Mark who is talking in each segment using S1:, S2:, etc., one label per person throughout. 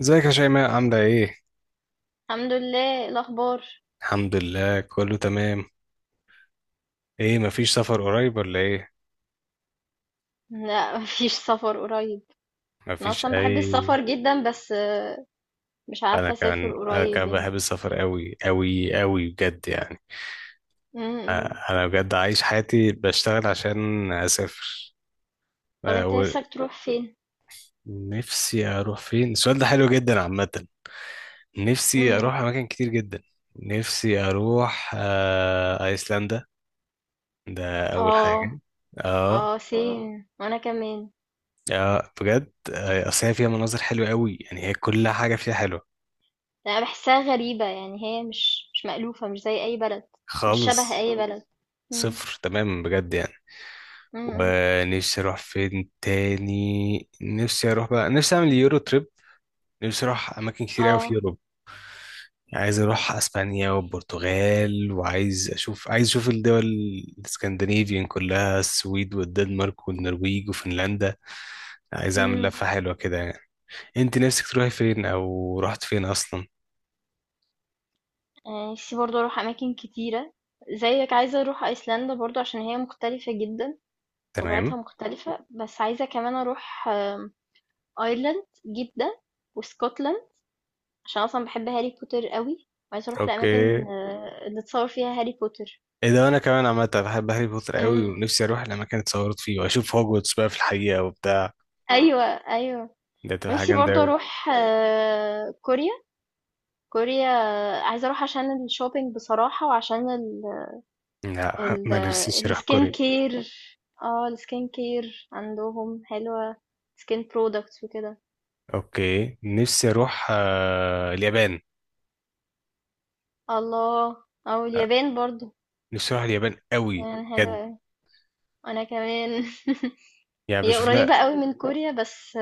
S1: ازيك يا شيماء، عاملة ايه؟
S2: الحمد لله، إيه الأخبار؟
S1: الحمد لله، كله تمام. ايه، مفيش سفر قريب ولا ايه؟
S2: لا، مفيش سفر قريب. أنا
S1: مفيش
S2: أصلا بحب
S1: اي.
S2: السفر جدا، بس مش
S1: انا
S2: عارفة أسافر
S1: كان انا كان
S2: قريب، يعني.
S1: بحب السفر قوي قوي قوي بجد يعني.
S2: إمم.
S1: اه، انا بجد عايش حياتي بشتغل عشان اسافر.
S2: طب
S1: اه،
S2: أنت نفسك تروح فين؟
S1: ونفسي اروح فين؟ السؤال ده حلو جدا عامة. نفسي
S2: امم.
S1: اروح اماكن كتير جدا. نفسي اروح ايسلندا، ده اول
S2: اه.
S1: حاجة.
S2: اه،
S1: اه،
S2: سين وأنا كمان.
S1: اه، بجد. اصل هي فيها مناظر حلوه قوي، يعني هي كل حاجه فيها حلوه.
S2: أنا بحسها غريبة، يعني هي مش مألوفة، مش زي أي بلد، مش شبه
S1: خالص.
S2: أي بلد. امم.
S1: صفر تمام بجد يعني.
S2: إمم.
S1: ونفسي اروح فين تاني؟ نفسي اروح بقى، نفسي اعمل يورو تريب. نفسي اروح اماكن كتير قوي في
S2: اه.
S1: اوروبا. عايز اروح اسبانيا والبرتغال، وعايز اشوف عايز اشوف الدول الاسكندنافيين كلها، السويد والدنمارك والنرويج وفنلندا. عايز اعمل
S2: امم.
S1: لفه حلوه كده يعني. انت نفسك تروحي فين او رحت فين اصلا؟
S2: نفسي برضه أروح أماكن كتيرة، زيك عايزة أروح أيسلندا برضو عشان هي مختلفة جدا،
S1: تمام.
S2: طبيعتها مختلفة، بس عايزة كمان أروح أيرلند جدة، واسكتلند، عشان أصلًا باحب هاري بوتر أوي، وعايزة أروح
S1: اوكي.
S2: لأماكن اللي اتصور فيها هاري بوتر.
S1: ايه ده، انا كمان عامه بحب هاري بوتر قوي،
S2: إمم، آه.
S1: ونفسي اروح الاماكن اتصورت فيه واشوف هوجورتس بقى في الحقيقه وبتاع.
S2: أيوه، أيوه.
S1: ده تبقى حاجه
S2: نفسي
S1: جامده
S2: برضه
S1: قوي.
S2: أروح كوريا، كوريا، عايزة أروح عشان الshopping بصراحة، وعشان ال
S1: لا،
S2: ال
S1: ما نفسيش اروح
S2: الskin
S1: كوريا.
S2: care. الskin care عندهم حلوة، skin products وكده.
S1: اوكي. نفسي اروح اليابان.
S2: الله!
S1: آه،
S2: واليابان برضه،
S1: نفسي اروح اليابان
S2: اليابان برضو
S1: قوي
S2: يعني
S1: بجد.
S2: حلوة أوي. وأنا كمان.
S1: يعني
S2: هي قريبة أوي من كوريا، بس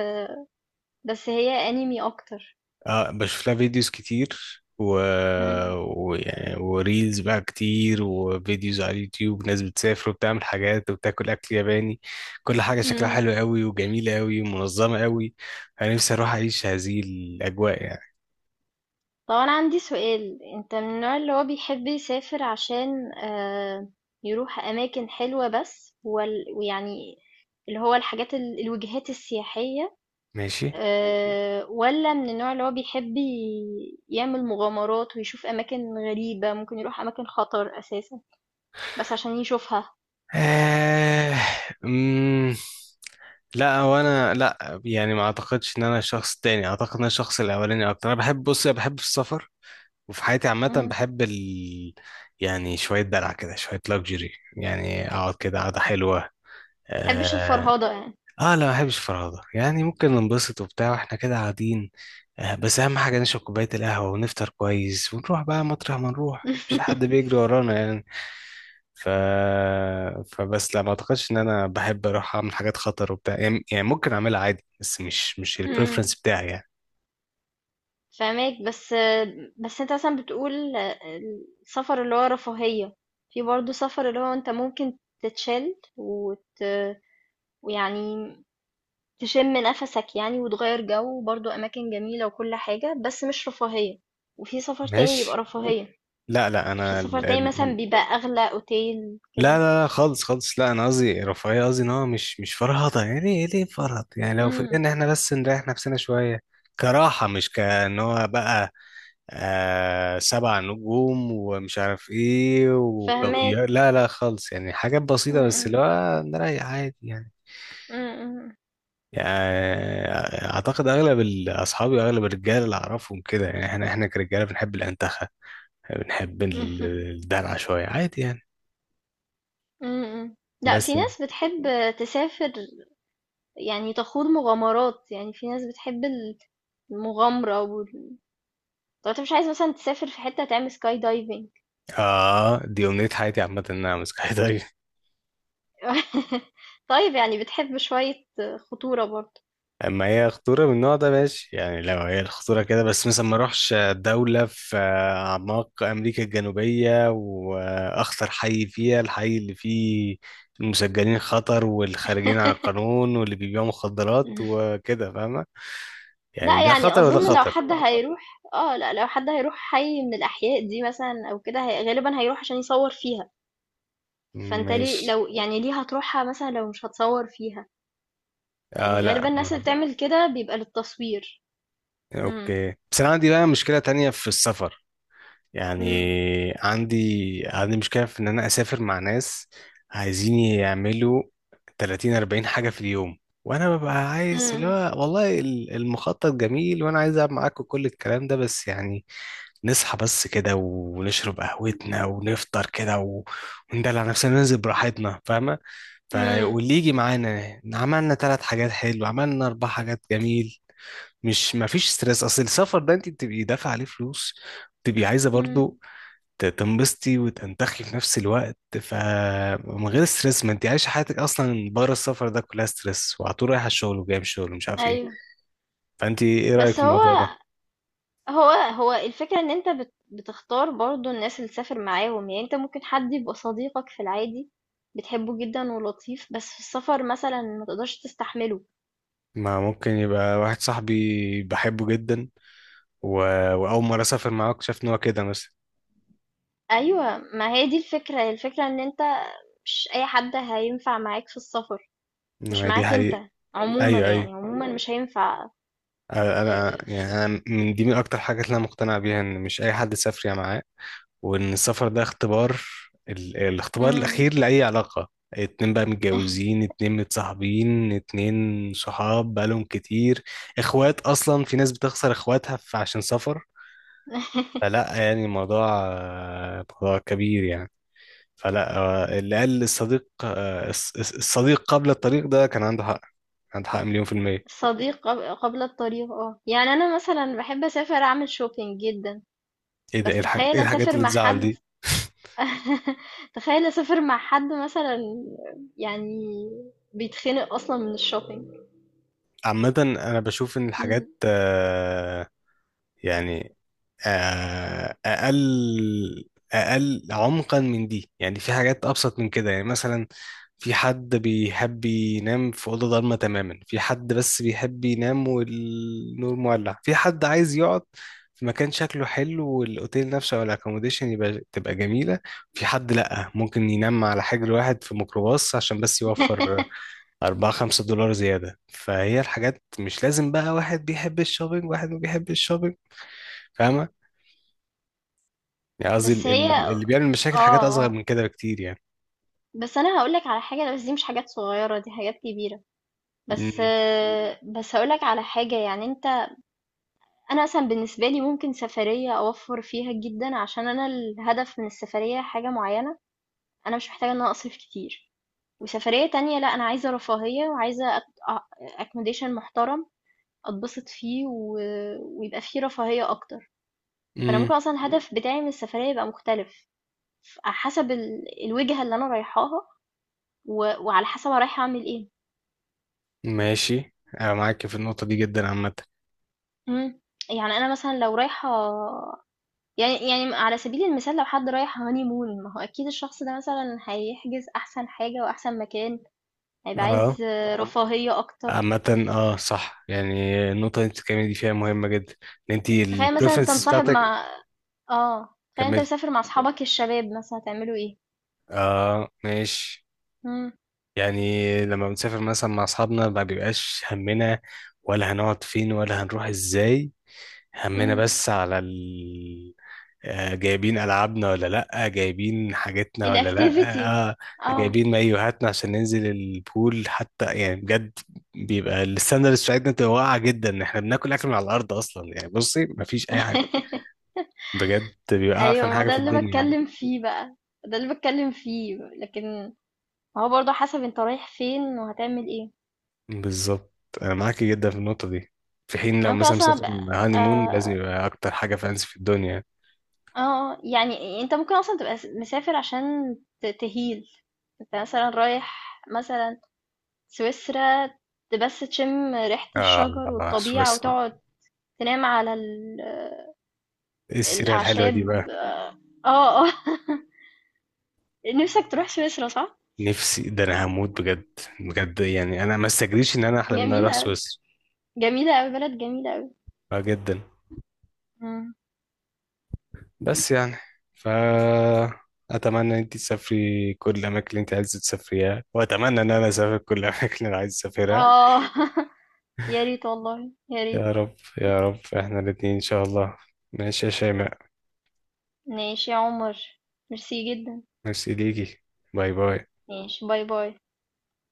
S2: بس هي أنمي أكتر.
S1: بشوف لها، فيديوز كتير
S2: مم.
S1: ويعني وريلز بقى كتير وفيديوز على اليوتيوب، ناس بتسافر وبتعمل حاجات وبتاكل اكل ياباني. كل حاجة شكلها
S2: امم.
S1: حلو قوي وجميلة قوي ومنظمة قوي. انا نفسي اروح اعيش هذه الاجواء يعني.
S2: طب أنا عندي سؤال، أنت من النوع اللي هو بيحب يسافر عشان يروح أماكن حلوة بس، ويعني اللي هو الحاجات الوجهات السياحية،
S1: ماشي.
S2: ولا من النوع اللي هو بيحب يعمل مغامرات ويشوف أماكن غريبة، ممكن يروح أماكن خطر أساسا، بس عشان يشوفها؟
S1: آه... مم... لا، هو انا، لا يعني ما اعتقدش ان انا شخص تاني، اعتقد ان انا الشخص الاولاني اكتر. انا بحب بص، أنا بحب السفر، وفي حياتي عامة
S2: مم.
S1: بحب يعني شوية دلع كده، شوية لاكجري، يعني أقعد كده قعدة حلوة.
S2: محبش
S1: آه...
S2: الفرهدة يعني.
S1: آه، لا، ما بحبش الفرهدة يعني. ممكن ننبسط وبتاع وإحنا كده قاعدين. بس أهم حاجة نشرب كوباية القهوة ونفطر كويس، ونروح بقى مطرح ما نروح، مش حد بيجري ورانا يعني. ف... فبس لا، ما أعتقدش إن أنا بحب أروح أعمل حاجات خطر وبتاع يعني. يعني ممكن أعملها عادي، بس مش
S2: مم.
S1: البريفرنس بتاعي يعني.
S2: فاهماك، بس انت مثلا بتقول السفر اللي هو رفاهية، في برضه سفر اللي هو انت ممكن تتشل ويعني تشم نفسك يعني، وتغير جو، وبرضه اماكن جميلة وكل حاجة، بس مش رفاهية، وفي سفر تاني بيبقى
S1: ماشي.
S2: رفاهية يعني،
S1: لا لا
S2: في
S1: انا.
S2: سفر تاني مثلا بيبقى اغلى اوتيل
S1: لا
S2: كده.
S1: لا لا، خالص خالص. لا، انا قصدي رفاهيه، قصدي ان هو مش فرهضه يعني، ايه ليه فرهض يعني؟ لو في
S2: امم.
S1: ان احنا بس نريح نفسنا شويه كراحه، مش كان هو بقى سبع نجوم ومش عارف ايه وكافيار،
S2: فاهماك.
S1: لا لا خالص، يعني حاجات بسيطه بس
S2: امم.
S1: اللي هو نريح عادي يعني.
S2: امم، امم.
S1: يعني اعتقد اغلب اصحابي، اغلب الرجاله اللي اعرفهم كده، يعني احنا كرجاله بنحب الانتخه، بنحب ال- الدلع شويه عادي يعني.
S2: امم. لا، في
S1: بس
S2: ناس بتحب تسافر، يعني تخوض مغامرات، يعني في ناس بتحب المغامرة طب انت مش عايز مثلا تسافر في حتة تعمل سكاي دايفنج؟
S1: اه دي امنية حياتي عامة، ان انا امسك حيطان.
S2: طيب، يعني بتحب شوية خطورة برضه؟
S1: اما هي خطورة من النوع ده، ماشي يعني. لو هي الخطورة كده بس، مثلا ما اروحش دولة في اعماق امريكا الجنوبية واخطر حي فيها، الحي اللي فيه المسجلين خطر والخارجين عن القانون واللي بيبيعوا مخدرات وكده، فاهمة؟ يعني
S2: لا،
S1: ده
S2: يعني
S1: خطر وده
S2: اظن لو بحب
S1: خطر.
S2: حد الخطر هيروح لا، لو حد هيروح حي من الاحياء دي مثلا او كده، غالبا هيروح عشان يصور فيها، فانت ليه،
S1: ماشي.
S2: لو يعني ليه هتروحها مثلا لو مش هتصور فيها؟
S1: اه،
S2: يعني
S1: لا،
S2: غالبا الناس اللي مثلا بتعمل كده بيبقى للتصوير. امم،
S1: اوكي. بس انا عندي بقى مشكلة تانية في السفر. يعني
S2: امم،
S1: عندي عندي مشكلة في إن أنا أسافر مع ناس عايزين يعملوا 30 40 حاجة في اليوم، وأنا ببقى عايز، اللي هو، والله المخطط جميل وأنا عايز ألعب معاكم كل الكلام ده، بس يعني نصحى بس كده، ونشرب قهوتنا ونفطر كده و- وندلع نفسنا، ننزل براحتنا، فاهمة؟
S2: امم،
S1: فاللي يجي معانا عملنا ثلاث حاجات حلوة، عملنا أربع حاجات، جميل، مش مفيش ستريس. أصل السفر ده أنت بتبقي دافعة عليه فلوس، تبقي عايزه
S2: امم.
S1: برضو تنبسطي وتنتخي في نفس الوقت، فمن غير ستريس. ما انت عايشه حياتك اصلا بره السفر ده كلها ستريس، وعلى طول رايحه الشغل وجايه من الشغل ومش عارف ايه.
S2: ايوه،
S1: فانت ايه رايك
S2: بس
S1: في
S2: هو
S1: الموضوع ده؟
S2: هو هو الفكرة ان انت بتختار برضو الناس اللي تسافر معاهم، يعني انت ممكن حد يبقى صديقك في العادي، بتحبه جدا ولطيف، بس في السفر مثلا ما تقدرش تستحمله.
S1: ما ممكن يبقى واحد صاحبي بحبه جدا و... واول مره اسافر معاه اكتشفت ان هو كده مثلا.
S2: ايوه، ما هي دي الفكرة ان انت مش اي حد هينفع معاك في السفر،
S1: ما
S2: مش
S1: هي دي
S2: معاك
S1: حقيقه.
S2: انت، عموما
S1: ايوه، ايوه.
S2: يعني عموما مش هينفع.
S1: انا،
S2: آه،
S1: يعني
S2: في-
S1: انا من دي، من اكتر حاجات اللي انا مقتنع بيها، ان مش اي حد سافر يا معاه، وان السفر ده اختبار، ال- الاختبار
S2: مم.
S1: الاخير لاي علاقه. اتنين بقى متجوزين، اتنين متصاحبين، اتنين صحاب بقالهم كتير، اخوات اصلا، في ناس بتخسر اخواتها عشان سفر. فلا يعني الموضوع، موضوع كبير يعني. فلا، اللي قال الصديق، الصديق قبل الطريق، ده كان عنده حق. عنده حق مليون في المية.
S2: صديق قبل الطريق، يعني انا مثلا بحب اسافر اعمل شوبينج جدا،
S1: ايه ده، ايه
S2: بس تخيل
S1: إيه الحاجات
S2: اسافر
S1: اللي
S2: مع
S1: تزعل
S2: حد.
S1: دي؟
S2: تخيل اسافر مع حد مثلا، يعني بيتخنق اصلا من الشوبينج.
S1: عامة، أنا بشوف إن
S2: مم.
S1: الحاجات، يعني، آه، اقل اقل عمقا من دي يعني. في حاجات ابسط من كده يعني. مثلا في حد بيحب ينام في اوضه ضلمه تماما، في حد بس بيحب ينام والنور مولع، في حد عايز يقعد في مكان شكله حلو والاوتيل نفسه او الاكوموديشن تبقى جميله، في حد لا، ممكن ينام على حجر واحد في ميكروباص عشان بس يوفر 4 $5 زياده. فهي الحاجات، مش لازم بقى واحد بيحب الشوبينج واحد ما بيحبش الشوبينج، فاهمه؟ يعني قصدي
S2: بس هي،
S1: اللي بيعمل
S2: اه،
S1: مشاكل حاجات أصغر
S2: اه.
S1: من كده بكتير يعني.
S2: بس انا هقولك على حاجه، بس دي مش حاجات صغيره، دي حاجات كبيره، بس
S1: امم
S2: آه، بس هقولك على حاجه، يعني انت، انا مثلا بالنسبه لي ممكن سفريه اوفر فيها جدا عشان انا الهدف من السفريه حاجه معينه، انا مش محتاجه ان انا اصرف كتير. وسفريه تانية، لا، انا عايزه رفاهيه وعايزه اكوموديشن محترم أتبسط فيه ويبقى فيه رفاهية أكتر، فأنا
S1: امم،
S2: ممكن أصلا الهدف بتاعي من السفرية يبقى مختلف، حسب الوجهة اللي أنا رايحاها، و... وعلى حسب أنا رايحة أعمل إيه.
S1: ماشي. أنا معاك في النقطة دي جدا عامة.
S2: مم. يعني أنا مثلا لو رايحة، يعني على سبيل المثال، لو حد رايح هاني مون، ما هو أكيد الشخص ده مثلا هيحجز أحسن حاجة وأحسن مكان، هيبقى
S1: اه،
S2: عايز رفاهية أكتر.
S1: صح يعني. النقطة اللي انت بتتكلمي دي فيها مهمة جدا، ان انت
S2: تخيل مثلا أنت ممكن
S1: البريفرنسز
S2: مصاحب
S1: بتاعتك.
S2: مع، تخيل أنت
S1: كملي.
S2: مسافر مع أصحابك الشباب، مثلا هتعملوا إيه؟
S1: اه، ماشي.
S2: مم.
S1: يعني لما بنسافر مثلا مع اصحابنا، ما بيبقاش همنا ولا هنقعد فين ولا هنروح ازاي. همنا
S2: مم.
S1: بس على جايبين ألعابنا ولا لأ، جايبين حاجتنا ولا لأ،
S2: الactivity. آه.
S1: جايبين مايوهاتنا عشان ننزل البول حتى، يعني بجد بيبقى الستاندرز بتاعتنا بتبقى واقعة جدا، إن احنا بناكل أكل من على الأرض أصلا يعني. بصي، مفيش أي حاجة بجد، بيبقى
S2: أيوه،
S1: أعفن
S2: ما هو
S1: حاجة
S2: ده
S1: في
S2: اللي
S1: الدنيا يعني.
S2: باتكلّم فيه بقى، ده اللي باتكلّم فيه، لكن هو برضه حسب أنت رايح فين وهتعمل إيه.
S1: بالظبط. أنا معاكي جدا في النقطة دي. في حين لو
S2: أنا ممكن
S1: مثلا
S2: أصلًا
S1: مسافر
S2: أبقى.
S1: هاني مون، لازم
S2: آه،
S1: يبقى أكتر حاجة فانسي في الدنيا.
S2: يعني أنت ممكن أصلًا تبقى مسافر عشان تheal. أنت مثلًا رايح، مثلًا سويسرا، بس تشم ريحة الشجر
S1: آه
S2: والطبيعة،
S1: سويسرا!
S2: وتقعد تنام على
S1: إيه السيرة الحلوة دي؟
S2: الأعشاب. آه، آه، نِفْسك تروح سويسرا صح؟
S1: نفسي، ده انا هموت بجد بجد يعني. انا ما استجريش ان انا احلم ان انا اروح
S2: جميلة،
S1: سويسرا.
S2: جميلة أوي، بلد جميلة أوي.
S1: آه، جدا.
S2: مم.
S1: بس يعني، ف اتمنى ان انت تسافري كل الاماكن اللي انت عايزه تسافريها، واتمنى ان انا اسافر كل الاماكن اللي انا عايز اسافرها.
S2: اه. يا ريت والله، يا ريت.
S1: يا رب، يا رب، احنا الاتنين ان شاء الله. ماشي يا شيماء.
S2: ماشي يا عمر، ميرسي جدا.
S1: ميرسي ليكي. باي باي.
S2: ماشي، باي باي.